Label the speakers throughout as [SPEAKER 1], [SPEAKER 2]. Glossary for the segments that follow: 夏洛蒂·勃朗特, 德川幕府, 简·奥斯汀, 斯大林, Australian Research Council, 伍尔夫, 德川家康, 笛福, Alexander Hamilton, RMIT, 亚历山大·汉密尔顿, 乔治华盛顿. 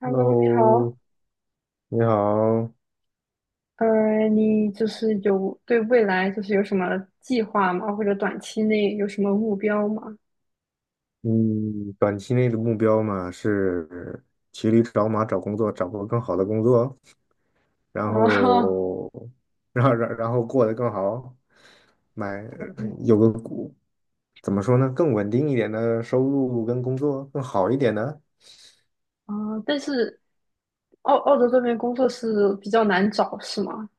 [SPEAKER 1] Hello,你好。
[SPEAKER 2] Hello，你好。
[SPEAKER 1] 你就是有对未来就是有什么计划吗？或者短期内有什么目标吗？
[SPEAKER 2] 嗯，短期内的目标嘛是骑驴找马找工作，找个更好的工作，然
[SPEAKER 1] 哦。
[SPEAKER 2] 后，然后过得更好，买有个股怎么说呢，更稳定一点的收入跟工作更好一点的。
[SPEAKER 1] 啊，但是澳洲这边工作是比较难找，是吗？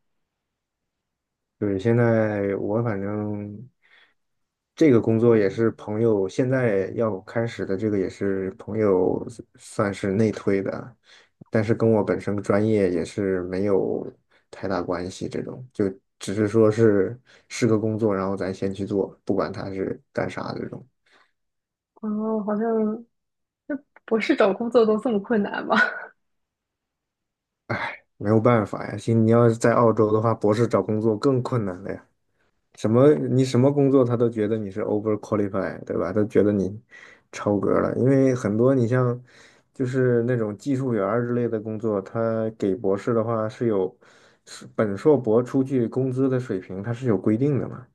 [SPEAKER 2] 对，现在我反正这个工作也是朋友，现在要开始的这个也是朋友算是内推的，但是跟我本身专业也是没有太大关系，这种就只是说是个工作，然后咱先去做，不管他是干啥这种。
[SPEAKER 1] 哦，好像就博士找工作都这么困难吗？
[SPEAKER 2] 唉，没有办法呀，现你要是在澳洲的话，博士找工作更困难了呀。什么你什么工作他都觉得你是 over q u a l i f y 对吧？都觉得你超格了，因为很多你像就是那种技术员儿之类的工作，他给博士的话是是本硕博出去工资的水平，它是有规定的嘛。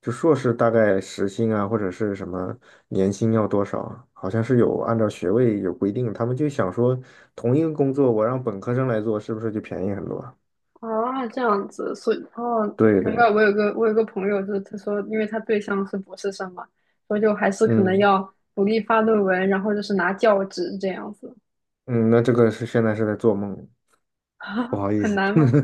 [SPEAKER 2] 就硕士大概时薪啊，或者是什么年薪要多少啊好像是有按照学位有规定。他们就想说，同一个工作我让本科生来做，是不是就便宜很多啊？
[SPEAKER 1] 啊，这样子，所以哦，
[SPEAKER 2] 对
[SPEAKER 1] 难
[SPEAKER 2] 对，
[SPEAKER 1] 怪我有个朋友，就是他说，因为他对象是博士生嘛，所以就还是可能
[SPEAKER 2] 嗯
[SPEAKER 1] 要努力发论文，然后就是拿教职这样子。
[SPEAKER 2] 嗯，那这个是现在是在做梦。不好 意
[SPEAKER 1] 很
[SPEAKER 2] 思，
[SPEAKER 1] 难吗？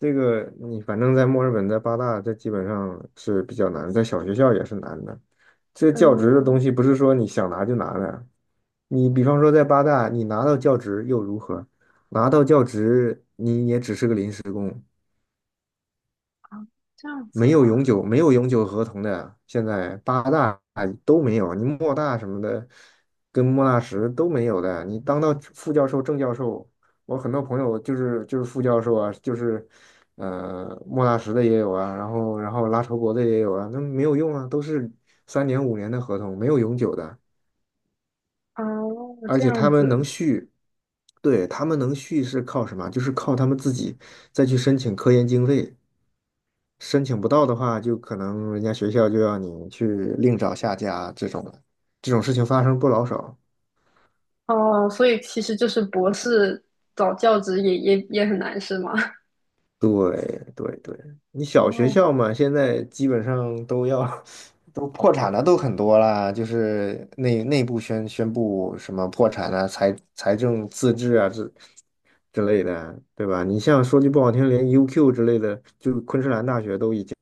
[SPEAKER 2] 这个你反正在墨尔本，在八大，这基本上是比较难的，在小学校也是难的。这教职的东
[SPEAKER 1] 嗯。
[SPEAKER 2] 西不是说你想拿就拿的，你比方说在八大，你拿到教职又如何？拿到教职，你也只是个临时工。
[SPEAKER 1] 啊，这样子
[SPEAKER 2] 没有
[SPEAKER 1] 嘛？
[SPEAKER 2] 永久没有永久合同的，现在八大都没有，你莫大什么的，跟莫纳什都没有的。你当到副教授、正教授，我很多朋友就是副教授啊，就是莫纳什的也有啊，然后拉筹伯的也有啊，那没有用啊，都是三年五年的合同，没有永久的，
[SPEAKER 1] 哦，
[SPEAKER 2] 而
[SPEAKER 1] 这
[SPEAKER 2] 且
[SPEAKER 1] 样
[SPEAKER 2] 他们能
[SPEAKER 1] 子。
[SPEAKER 2] 续。对，他们能续是靠什么？就是靠他们自己再去申请科研经费。申请不到的话，就可能人家学校就要你去另找下家这种了，这种事情发生不老少。
[SPEAKER 1] 哦，所以其实就是博士找教职也很难是吗？
[SPEAKER 2] 对对对，你小学
[SPEAKER 1] 哦
[SPEAKER 2] 校嘛，现在基本上都要 都破产了，都很多啦，就是内部宣布什么破产啊、财政自治啊之类的，对吧？你像说句不好听，连 UQ 之类的，就昆士兰大学都已经。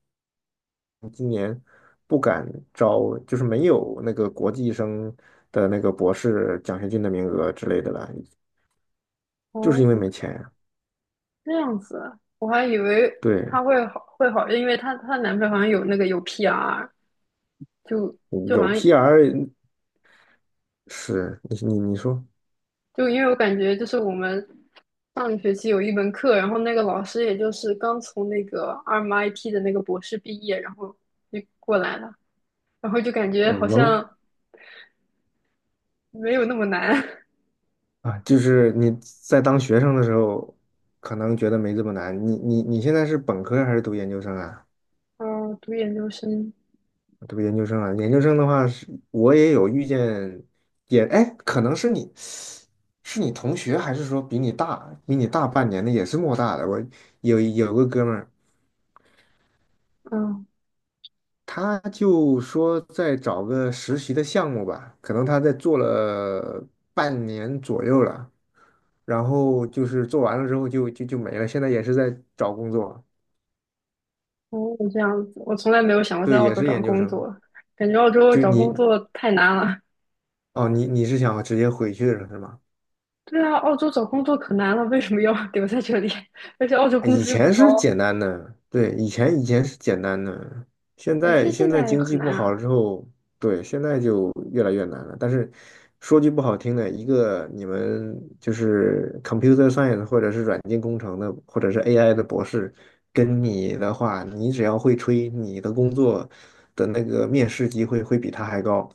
[SPEAKER 2] 今年不敢招，就是没有那个国际生的那个博士奖学金的名额之类的了，就是
[SPEAKER 1] 哦，
[SPEAKER 2] 因为没钱呀。
[SPEAKER 1] 这样子，我还以为
[SPEAKER 2] 对，
[SPEAKER 1] 她会好，因为她男朋友好像有那个有 PR,就
[SPEAKER 2] 嗯
[SPEAKER 1] 就好
[SPEAKER 2] 有
[SPEAKER 1] 像
[SPEAKER 2] PR。 是你说
[SPEAKER 1] 就因为我感觉就是我们上个学期有一门课，然后那个老师也就是刚从那个 RMIT 的那个博士毕业，然后就过来了，然后就感觉
[SPEAKER 2] 我
[SPEAKER 1] 好
[SPEAKER 2] 能
[SPEAKER 1] 像没有那么难。
[SPEAKER 2] 啊，就是你在当学生的时候，可能觉得没这么难。你现在是本科还是读研究生啊？
[SPEAKER 1] 嗯，读研究生。
[SPEAKER 2] 这个研究生啊，研究生的话是，我也有遇见，也哎，可能是你，是你同学，还是说比你大，比你大半年的，也是莫大的。我有个哥们儿，
[SPEAKER 1] 嗯。
[SPEAKER 2] 他就说在找个实习的项目吧，可能他在做了半年左右了，然后就是做完了之后就没了，现在也是在找工作，
[SPEAKER 1] 哦，这样子，我从来没有想过在
[SPEAKER 2] 对，
[SPEAKER 1] 澳
[SPEAKER 2] 也
[SPEAKER 1] 洲
[SPEAKER 2] 是
[SPEAKER 1] 找
[SPEAKER 2] 研究
[SPEAKER 1] 工
[SPEAKER 2] 生。
[SPEAKER 1] 作，感觉澳洲
[SPEAKER 2] 就
[SPEAKER 1] 找
[SPEAKER 2] 你
[SPEAKER 1] 工作太难了。
[SPEAKER 2] 哦，你是想直接回去了是吗？
[SPEAKER 1] 对啊，澳洲找工作可难了，为什么要 留在这里？而且澳洲
[SPEAKER 2] 哎
[SPEAKER 1] 工
[SPEAKER 2] 以
[SPEAKER 1] 资又不
[SPEAKER 2] 前
[SPEAKER 1] 高。
[SPEAKER 2] 是简单的，对，以前是简单的，现
[SPEAKER 1] 有
[SPEAKER 2] 在
[SPEAKER 1] 些
[SPEAKER 2] 现
[SPEAKER 1] 现
[SPEAKER 2] 在
[SPEAKER 1] 在
[SPEAKER 2] 经济
[SPEAKER 1] 很
[SPEAKER 2] 不
[SPEAKER 1] 难
[SPEAKER 2] 好了
[SPEAKER 1] 啊。
[SPEAKER 2] 之后，对，现在就越来越难了。但是说句不好听的，一个你们就是 computer science 或者是软件工程的，或者是 AI 的博士，跟你的话，你只要会吹，你的工作的那个面试机会会比他还高。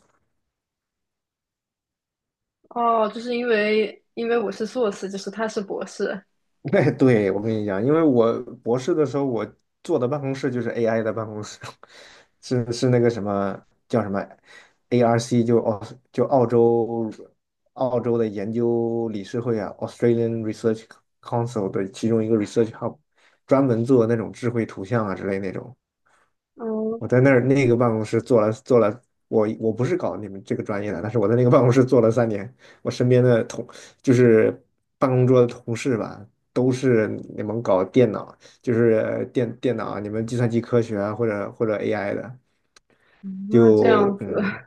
[SPEAKER 1] 哦，就是因为我是硕士，就是他是博士。
[SPEAKER 2] 对，对，我跟你讲，因为我博士的时候，我坐的办公室就是 AI 的办公室，是那个什么叫什么 ARC，就澳就澳洲澳洲的研究理事会啊，Australian Research Council 的其中一个 research hub，专门做那种智慧图像啊之类那种。
[SPEAKER 1] 哦。
[SPEAKER 2] 我在那儿那个办公室做了，我不是搞你们这个专业的，但是我在那个办公室做了三年，我身边的同就是办公桌的同事吧，都是你们搞电脑，就是电脑啊，你们计算机科学啊，或者 AI 的，
[SPEAKER 1] 嗯那这样
[SPEAKER 2] 就
[SPEAKER 1] 子。
[SPEAKER 2] 嗯。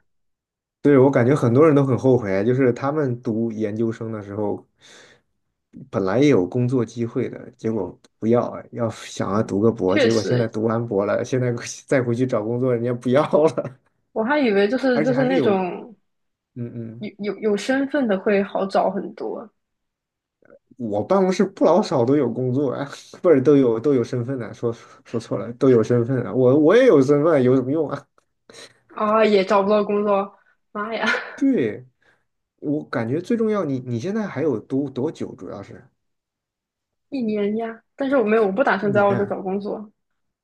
[SPEAKER 2] 对，我感觉很多人都很后悔，就是他们读研究生的时候，本来也有工作机会的，结果不要，要想要读个博，
[SPEAKER 1] 确
[SPEAKER 2] 结果现在
[SPEAKER 1] 实，
[SPEAKER 2] 读完博了，现在 再回去找工作，人家不要了，
[SPEAKER 1] 我还以为就 是
[SPEAKER 2] 而
[SPEAKER 1] 就
[SPEAKER 2] 且
[SPEAKER 1] 是
[SPEAKER 2] 还是
[SPEAKER 1] 那
[SPEAKER 2] 有，
[SPEAKER 1] 种
[SPEAKER 2] 嗯嗯，
[SPEAKER 1] 有身份的会好找很多。
[SPEAKER 2] 我办公室不老少都有工作啊，不是都有身份的，说说错了，都有身份啊，我也有身份，有什么用啊？
[SPEAKER 1] 啊，也找不到工作，妈呀！
[SPEAKER 2] 对，我感觉最重要，你现在还有多久？主要是
[SPEAKER 1] 一年呀，但是我没有，我不打
[SPEAKER 2] 一
[SPEAKER 1] 算在
[SPEAKER 2] 年
[SPEAKER 1] 澳洲
[SPEAKER 2] 啊，
[SPEAKER 1] 找工作。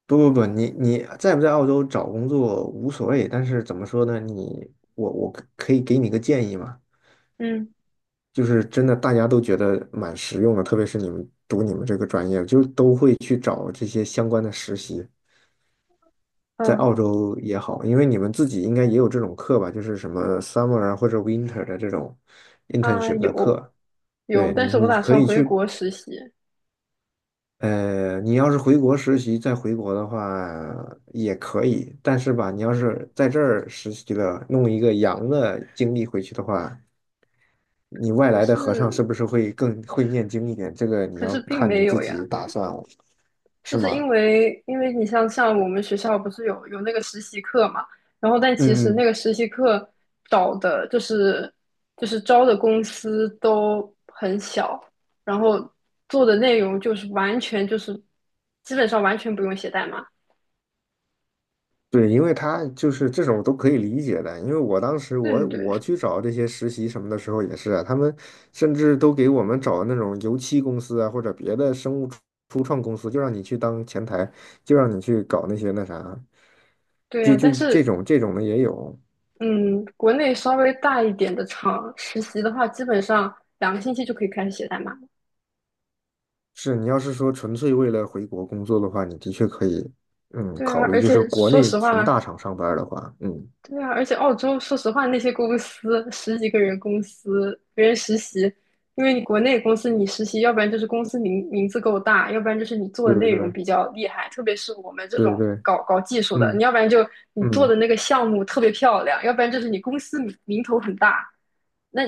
[SPEAKER 2] 不不不，你在不在澳洲找工作无所谓，但是怎么说呢？我可以给你个建议嘛，
[SPEAKER 1] 嗯
[SPEAKER 2] 就是真的大家都觉得蛮实用的，特别是你们读你们这个专业，就都会去找这些相关的实习，在
[SPEAKER 1] 嗯
[SPEAKER 2] 澳洲也好，因为你们自己应该也有这种课吧，就是什么 summer 啊或者 winter 的这种
[SPEAKER 1] 啊，
[SPEAKER 2] internship 的
[SPEAKER 1] 有
[SPEAKER 2] 课，
[SPEAKER 1] 有，
[SPEAKER 2] 对
[SPEAKER 1] 但
[SPEAKER 2] 你
[SPEAKER 1] 是我
[SPEAKER 2] 你
[SPEAKER 1] 打
[SPEAKER 2] 可
[SPEAKER 1] 算
[SPEAKER 2] 以
[SPEAKER 1] 回
[SPEAKER 2] 去
[SPEAKER 1] 国实习。
[SPEAKER 2] 你要是回国实习再回国的话也可以，但是吧，你要是在这儿实习了，弄一个洋的经历回去的话，你外
[SPEAKER 1] 可
[SPEAKER 2] 来的和尚是
[SPEAKER 1] 是
[SPEAKER 2] 不是会更会念经一点？这个你
[SPEAKER 1] 可
[SPEAKER 2] 要
[SPEAKER 1] 是并
[SPEAKER 2] 看
[SPEAKER 1] 没
[SPEAKER 2] 你自
[SPEAKER 1] 有
[SPEAKER 2] 己
[SPEAKER 1] 呀，
[SPEAKER 2] 打算了，是
[SPEAKER 1] 就是因
[SPEAKER 2] 吗？
[SPEAKER 1] 为因为你像我们学校不是有那个实习课嘛，然后但其实
[SPEAKER 2] 嗯
[SPEAKER 1] 那个实习课找的就是招的公司都很小，然后做的内容就是完全就是基本上完全不用写代码。
[SPEAKER 2] 对，因为他就是这种都可以理解的，因为我当时
[SPEAKER 1] 对
[SPEAKER 2] 我
[SPEAKER 1] 对对。
[SPEAKER 2] 我去找这些实习什么的时候也是啊，他们甚至都给我们找那种油漆公司啊，或者别的生物初创公司，就让你去当前台，就让你去搞那些那啥，
[SPEAKER 1] 对呀，但
[SPEAKER 2] 这
[SPEAKER 1] 是
[SPEAKER 2] 种这种的也有。
[SPEAKER 1] 嗯，国内稍微大一点的厂实习的话，基本上两个星期就可以开始写代码了。
[SPEAKER 2] 是你要是说纯粹为了回国工作的话，你的确可以，嗯，
[SPEAKER 1] 对啊，
[SPEAKER 2] 考虑
[SPEAKER 1] 而
[SPEAKER 2] 就是
[SPEAKER 1] 且
[SPEAKER 2] 国
[SPEAKER 1] 说
[SPEAKER 2] 内
[SPEAKER 1] 实
[SPEAKER 2] 纯
[SPEAKER 1] 话，
[SPEAKER 2] 大厂上班儿的话，嗯，
[SPEAKER 1] 对啊，而且澳洲说实话，那些公司十几个人公司，别人实习，因为你国内公司你实习，要不然就是公司名字够大，要不然就是你做的
[SPEAKER 2] 对对
[SPEAKER 1] 内容
[SPEAKER 2] 对
[SPEAKER 1] 比较厉害，特别是我们这
[SPEAKER 2] 对
[SPEAKER 1] 种
[SPEAKER 2] 对，
[SPEAKER 1] 搞技术的，你
[SPEAKER 2] 嗯
[SPEAKER 1] 要不然就你做
[SPEAKER 2] 嗯
[SPEAKER 1] 的那个项目特别漂亮，要不然就是你公司名头很大。那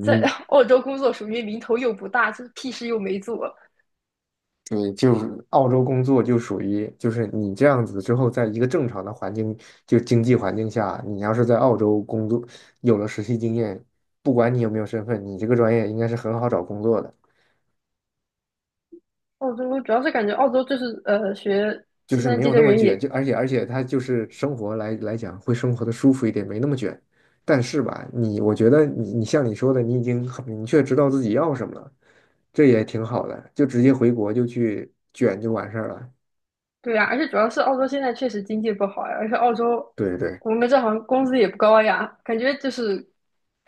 [SPEAKER 1] 在 澳洲工作属于名头又不大，就是屁事又没做。
[SPEAKER 2] 对，就是澳洲工作就属于，就是你这样子之后，在一个正常的环境，就经济环境下，你要是在澳洲工作，有了实习经验，不管你有没有身份，你这个专业应该是很好找工作的，
[SPEAKER 1] 澳洲主要是感觉澳洲就是学
[SPEAKER 2] 就
[SPEAKER 1] 计
[SPEAKER 2] 是
[SPEAKER 1] 算
[SPEAKER 2] 没
[SPEAKER 1] 机
[SPEAKER 2] 有
[SPEAKER 1] 的
[SPEAKER 2] 那么
[SPEAKER 1] 人
[SPEAKER 2] 卷，
[SPEAKER 1] 也
[SPEAKER 2] 就而且他就是生活来讲，会生活的舒服一点，没那么卷。但是吧，我觉得你像你说的，你已经很明确知道自己要什么了，这也挺好的，就直接回国就去卷就完事儿了。
[SPEAKER 1] 对呀，而且主要是澳洲现在确实经济不好呀，而且澳洲
[SPEAKER 2] 对对。
[SPEAKER 1] 我们这行工资也不高呀，感觉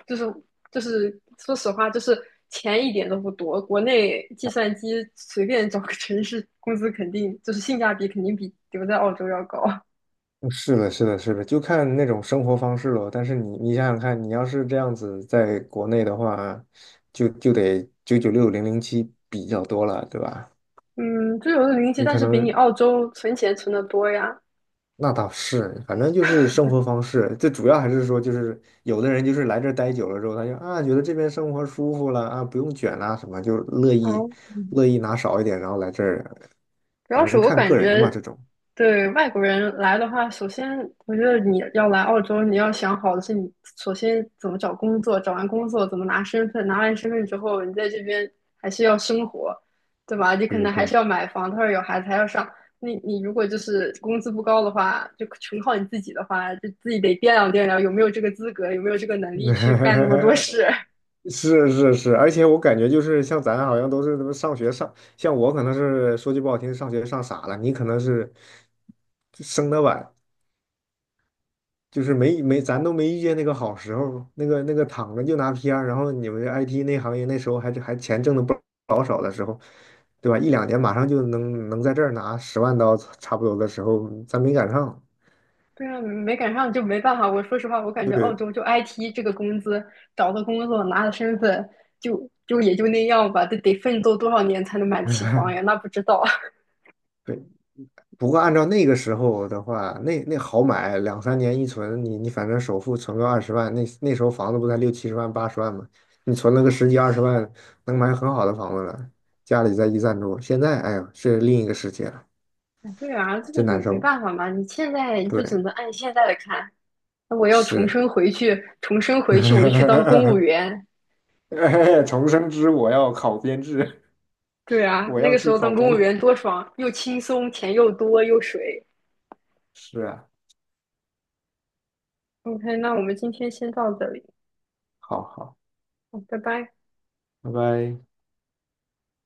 [SPEAKER 1] 就是就是说实话就是钱一点都不多，国内计算机随便找个城市工资肯定就是性价比肯定比留在澳洲要高。
[SPEAKER 2] 嗯是的，是的，是的，就看那种生活方式了。但是你，你想想看，你要是这样子在国内的话，就得996 007比较多了，对吧？
[SPEAKER 1] 嗯，就有的零息，
[SPEAKER 2] 你
[SPEAKER 1] 但
[SPEAKER 2] 可
[SPEAKER 1] 是比你
[SPEAKER 2] 能
[SPEAKER 1] 澳洲存钱存的多呀。
[SPEAKER 2] 那倒是，反正就是生活方式，最主要还是说，就是有的人就是来这儿待久了之后，他就啊觉得这边生活舒服了啊，不用卷啦什么，就乐意
[SPEAKER 1] 嗯。
[SPEAKER 2] 乐意拿少一点，然后来这儿，
[SPEAKER 1] 主要
[SPEAKER 2] 反
[SPEAKER 1] 是
[SPEAKER 2] 正
[SPEAKER 1] 我
[SPEAKER 2] 看
[SPEAKER 1] 感
[SPEAKER 2] 个人的嘛，
[SPEAKER 1] 觉
[SPEAKER 2] 这种。
[SPEAKER 1] 对外国人来的话，首先我觉得你要来澳洲，你要想好的是你首先怎么找工作，找完工作怎么拿身份，拿完身份之后，你在这边还是要生活，对吧？你可
[SPEAKER 2] 对
[SPEAKER 1] 能还
[SPEAKER 2] 对，
[SPEAKER 1] 是要买房，他说有孩子还要上。那你如果就是工资不高的话，就全靠你自己的话，就自己得掂量有没有这个资格，有没有这个能 力去干那么多事。
[SPEAKER 2] 是是是，而且我感觉就是像咱好像都是他妈上学上，像我可能是说句不好听，上学上傻了，你可能是生的晚，就是没没咱都没遇见那个好时候，那个那个躺着就拿 PR，然后你们 IT 那行业那时候还钱挣的不老少的时候，对吧？一两年马上就能在这儿拿10万刀差不多的时候，咱没赶上，
[SPEAKER 1] 对啊，没赶上就没办法。我说实话，我感觉澳
[SPEAKER 2] 对，
[SPEAKER 1] 洲就 IT 这个工资，找个工作拿了身份，就也就那样吧。得奋斗多少年才能买得起房呀？那 不知道。
[SPEAKER 2] 对。不过按照那个时候的话，那好买，两三年一存，你反正首付存个二十万，那时候房子不才六七十万、八十万吗？你存了个十几二十万，能买很好的房子了。家里再一赞助，现在哎呀，是另一个世界了，
[SPEAKER 1] 对啊，这个
[SPEAKER 2] 真难
[SPEAKER 1] 没
[SPEAKER 2] 受。
[SPEAKER 1] 办法嘛。你现在你就只能
[SPEAKER 2] 对，
[SPEAKER 1] 按现在的看。那我要重
[SPEAKER 2] 是，
[SPEAKER 1] 生回去，重生回去我就去 当公务员。
[SPEAKER 2] 哎，重生之我要考编制，
[SPEAKER 1] 对啊，
[SPEAKER 2] 我
[SPEAKER 1] 那
[SPEAKER 2] 要
[SPEAKER 1] 个时
[SPEAKER 2] 去
[SPEAKER 1] 候
[SPEAKER 2] 考
[SPEAKER 1] 当公务
[SPEAKER 2] 公。
[SPEAKER 1] 员多爽，又轻松，钱又多又水。
[SPEAKER 2] 是啊，
[SPEAKER 1] OK,那我们今天先到这里。
[SPEAKER 2] 好好，
[SPEAKER 1] 好，拜拜。
[SPEAKER 2] 拜拜。